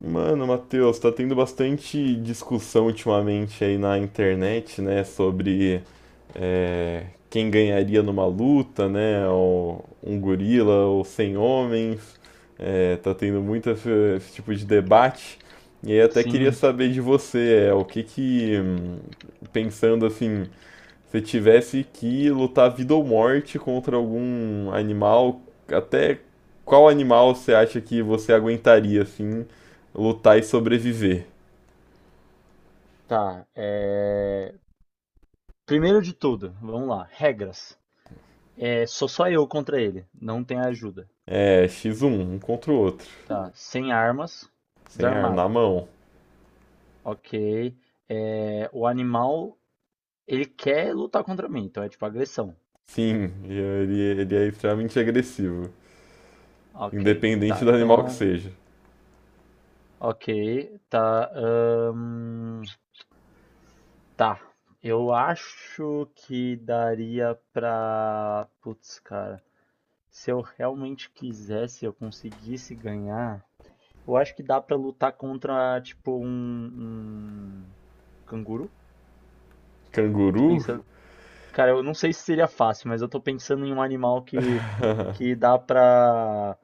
Mano, Matheus, tá tendo bastante discussão ultimamente aí na internet, né, sobre quem ganharia numa luta, né, um gorila ou 100 homens. Tá tendo muito esse tipo de debate. E aí até queria Sim, saber de você, o que que, pensando assim, você tivesse que lutar vida ou morte contra algum animal, até qual animal você acha que você aguentaria, assim, lutar e sobreviver? tá. Primeiro de tudo, vamos lá. Regras. É, sou só eu contra ele. Não tem ajuda. X1, um contra o outro, Tá. Sem armas, sem arma, na desarmado. mão. Ok. O animal, ele quer lutar contra mim, então é tipo agressão. Sim, ele é extremamente agressivo, Ok. independente Tá, do animal que então, seja. ok. Tá. ahn, Tá. Eu acho que daria pra. Putz, cara. Se eu realmente quisesse, eu conseguisse ganhar. Eu acho que dá pra lutar contra, tipo, um canguru. Eu tô Canguru? pensando. Cara, eu não sei se seria fácil, mas eu tô pensando em um animal que dá pra,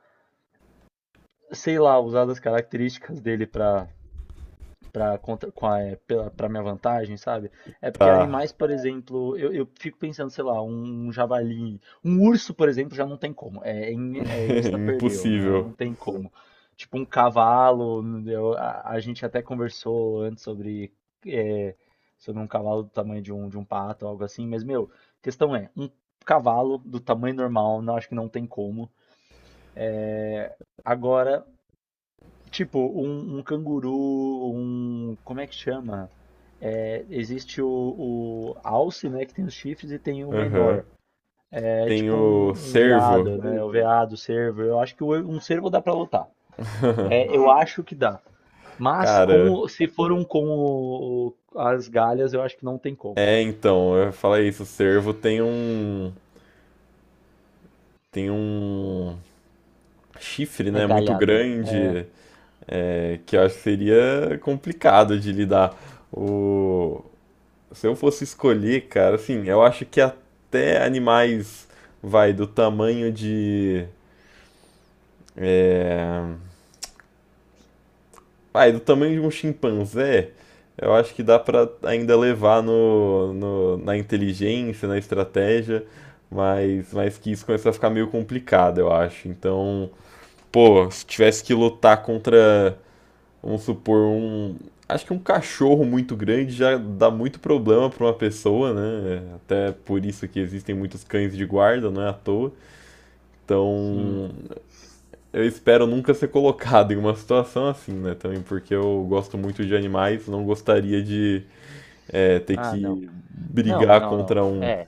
sei lá, usar das características dele pra para contra, com a, é, pela, pra minha vantagem, sabe? É porque Tá. animais, por exemplo, eu fico pensando, sei lá, um javali, um urso, por exemplo, já não tem como. É insta perdeu, né? Impossível. Não tem como. Tipo um cavalo, a gente até conversou antes sobre, é, sobre um cavalo do tamanho de de um pato, algo assim, mas, meu, questão é, um cavalo do tamanho normal, não acho que não tem como. Agora, tipo, um canguru, Como é que chama? É, existe o alce, né, que tem os chifres, e tem o Aham. Uhum. menor. É Tem tipo o um cervo. veado, né? O veado, o cervo. Eu acho que um cervo dá pra lutar. É, eu acho que dá. Mas Cara, se for um com as galhas, eu acho que não tem como. Então, eu ia falar isso, o cervo tem um chifre, É né, muito galhada. grande, que eu acho que seria complicado de lidar. O... Se eu fosse escolher, cara, assim, eu acho que até animais, vai, do tamanho de. vai, do tamanho de um chimpanzé, eu acho que dá pra ainda levar na inteligência, na estratégia, mas que isso começa a ficar meio complicado, eu acho. Então, pô, se tivesse que lutar contra, vamos supor, um. Acho que um cachorro muito grande já dá muito problema para uma pessoa, né? Até por isso que existem muitos cães de guarda, não é à toa. Hum. Então, eu espero nunca ser colocado em uma situação assim, né? Também porque eu gosto muito de animais, não gostaria de ter Ah, não. que Não, brigar não, contra não. um. É,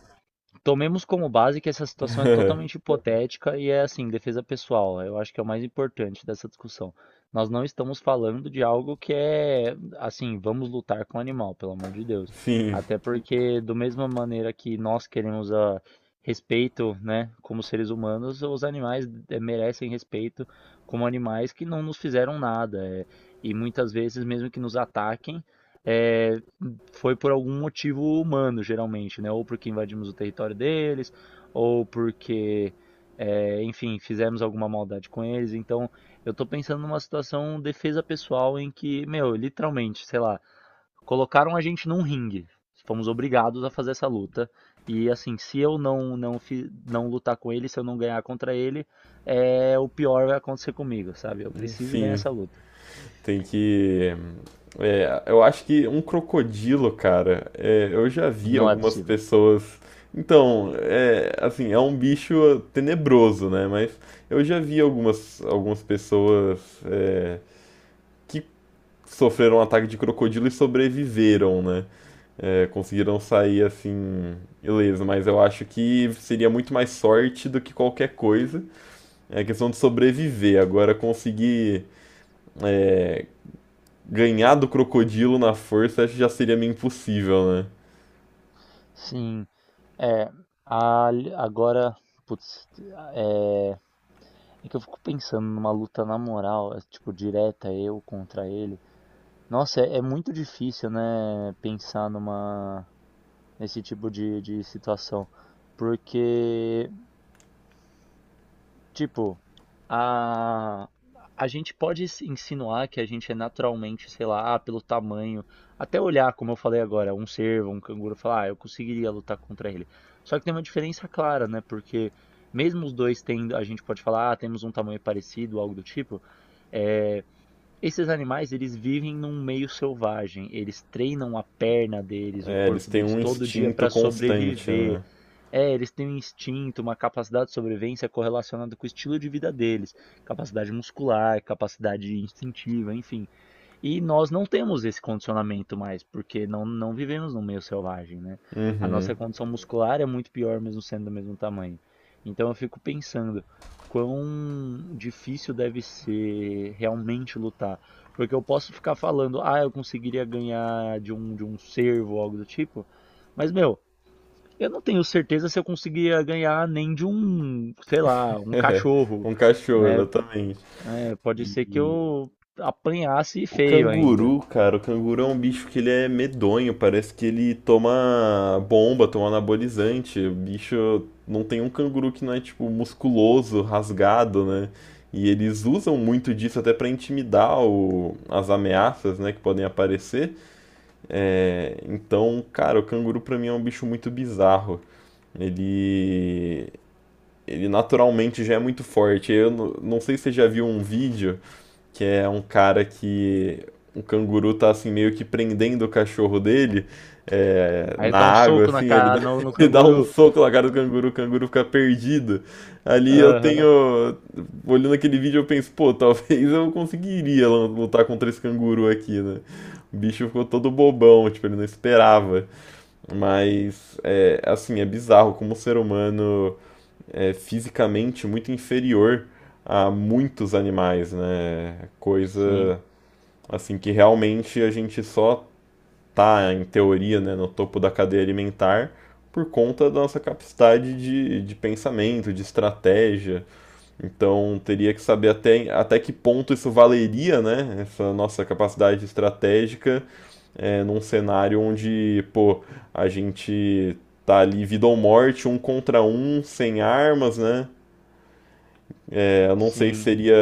tomemos como base que essa situação é totalmente hipotética e é assim, defesa pessoal. Eu acho que é o mais importante dessa discussão. Nós não estamos falando de algo que é assim, vamos lutar com o animal, pelo amor de Deus. Sim, Até porque, do mesma maneira que nós queremos respeito, né, como seres humanos, os animais merecem respeito como animais que não nos fizeram nada. E muitas vezes, mesmo que nos ataquem, é, foi por algum motivo humano, geralmente, né? Ou porque invadimos o território deles, ou porque, é, enfim, fizemos alguma maldade com eles. Então, eu tô pensando numa situação defesa pessoal em que, meu, literalmente, sei lá, colocaram a gente num ringue. Fomos obrigados a fazer essa luta. E assim, se eu não lutar com ele, se eu não ganhar contra ele, é o pior vai acontecer comigo, sabe? Eu preciso ganhar sim. essa luta. Tem que. Eu acho que um crocodilo, cara, eu já vi Não é algumas possível. pessoas. Então, assim, é um bicho tenebroso, né? Mas eu já vi algumas pessoas é, que sofreram um ataque de crocodilo e sobreviveram, né? Conseguiram sair assim, beleza, mas eu acho que seria muito mais sorte do que qualquer coisa. É questão de sobreviver. Agora, conseguir é, ganhar do crocodilo na força já seria meio impossível, né? Sim. É, a- agora, putz, é, é que eu fico pensando numa luta na moral, é, tipo, direta eu contra ele. Nossa, é muito difícil, né, pensar nesse tipo de situação, porque tipo, a, a gente pode se insinuar que a gente é naturalmente, sei lá, ah, pelo tamanho, até olhar, como eu falei agora, um cervo, um canguru, falar, ah, eu conseguiria lutar contra ele. Só que tem uma diferença clara, né? Porque mesmo os dois tendo, a gente pode falar, ah, temos um tamanho parecido, algo do tipo, é, esses animais, eles vivem num meio selvagem, eles treinam a perna deles, o Eles corpo têm deles um todo dia instinto para constante, sobreviver. né? É, eles têm um instinto, uma capacidade de sobrevivência correlacionada com o estilo de vida deles, capacidade muscular, capacidade instintiva, enfim. E nós não temos esse condicionamento mais, porque não vivemos num meio selvagem, né? A Hum. nossa condição muscular é muito pior mesmo sendo do mesmo tamanho. Então eu fico pensando quão difícil deve ser realmente lutar, porque eu posso ficar falando, ah, eu conseguiria ganhar de um cervo ou algo do tipo, mas meu eu não tenho certeza se eu conseguiria ganhar nem de um, sei lá, um cachorro, Um cachorro, né? exatamente. É, pode E ser que eu apanhasse o feio ainda. canguru, cara, o canguru é um bicho que ele é medonho, parece que ele toma bomba, toma anabolizante. O bicho não tem um canguru que não é tipo musculoso, rasgado, né? E eles usam muito disso até pra intimidar o- as ameaças, né, que podem aparecer. Então, cara, o canguru pra mim é um bicho muito bizarro. Ele, ele naturalmente já é muito forte. Eu não sei se você já viu um vídeo que é um cara que o canguru tá assim meio que prendendo o cachorro dele Aí na ele dá um água, soco na assim, ele cara, dá, no ele dá um canguru. soco na cara do canguru, o canguru fica perdido. Ali eu Aham, tenho, olhando aquele vídeo, eu penso, pô, talvez eu conseguiria lutar contra esse canguru aqui, né? O bicho ficou todo bobão, tipo, ele não esperava. Mas, assim, é bizarro como o ser humano fisicamente muito inferior a muitos animais, né? sim, Coisa assim que realmente a gente só tá, em teoria, né, no topo da cadeia alimentar por conta da nossa capacidade de pensamento, de estratégia. Então teria que saber até que ponto isso valeria, né? Essa nossa capacidade estratégica num cenário onde, pô, a gente tá ali vida ou morte, um contra um, sem armas, né? Eu não sei se sim. seria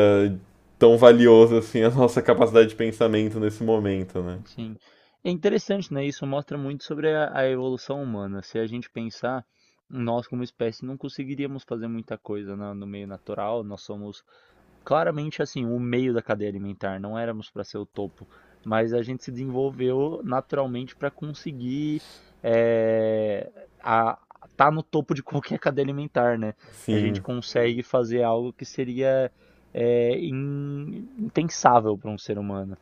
tão valioso assim a nossa capacidade de pensamento nesse momento, né? Sim. É interessante, né? Isso mostra muito sobre a evolução humana. Se a gente pensar, nós como espécie não conseguiríamos fazer muita coisa no meio natural. Nós somos claramente assim, o meio da cadeia alimentar. Não éramos para ser o topo, mas a gente se desenvolveu naturalmente para conseguir é, a, tá no topo de qualquer cadeia alimentar, né? A gente Sim, consegue fazer algo que seria impensável para um ser humano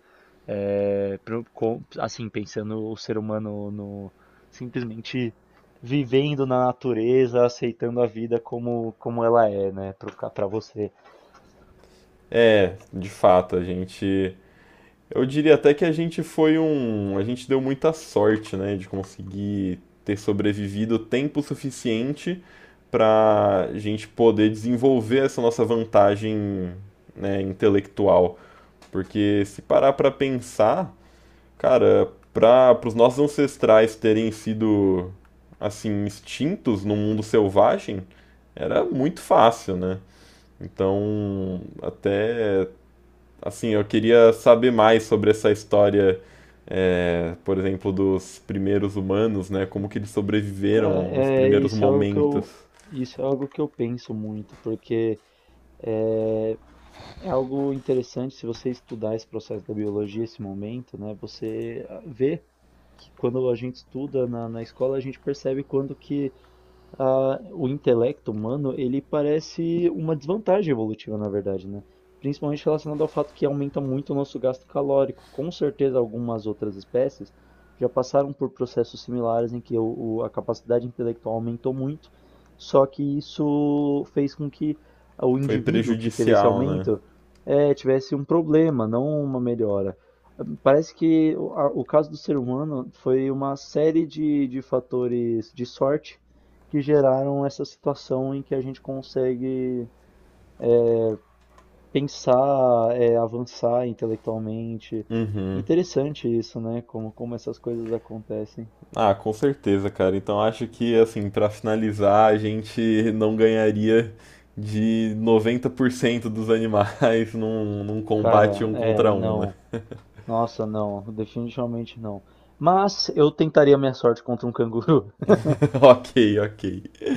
assim, pensando o ser humano no, simplesmente vivendo na natureza, aceitando a vida como, como ela é, né, pra você. De fato, a gente. Eu diria até que a gente foi um. A gente deu muita sorte, né, de conseguir ter sobrevivido tempo suficiente para a gente poder desenvolver essa nossa vantagem, né, intelectual. Porque se parar para pensar, cara, para os nossos ancestrais terem sido assim extintos no mundo selvagem, era muito fácil, né? Então, até assim, eu queria saber mais sobre essa história, por exemplo, dos primeiros humanos, né? Como que Sim. eles Cara, sobreviveram aos primeiros isso é algo que momentos. eu, isso é algo que eu penso muito, porque é, é algo interessante se você estudar esse processo da biologia, esse momento, né? Você vê que quando a gente estuda na escola, a gente percebe quando que o intelecto humano, ele parece uma desvantagem evolutiva, na verdade, né? Principalmente relacionado ao fato que aumenta muito o nosso gasto calórico. Com certeza, algumas outras espécies já passaram por processos similares em que a capacidade intelectual aumentou muito, só que isso fez com que o Foi indivíduo que teve esse prejudicial, né? aumento tivesse um problema, não uma melhora. Parece que o caso do ser humano foi uma série de fatores de sorte que geraram essa situação em que a gente consegue pensar, é, avançar intelectualmente. Uhum. Interessante isso, né? Como, como essas coisas acontecem. Ah, com certeza, cara. Então acho que, assim, pra finalizar, a gente não ganharia de 90% dos animais num combate Cara, um é, contra um, né? não. Nossa, não. Definitivamente não. Mas eu tentaria minha sorte contra um canguru. Ok, ok.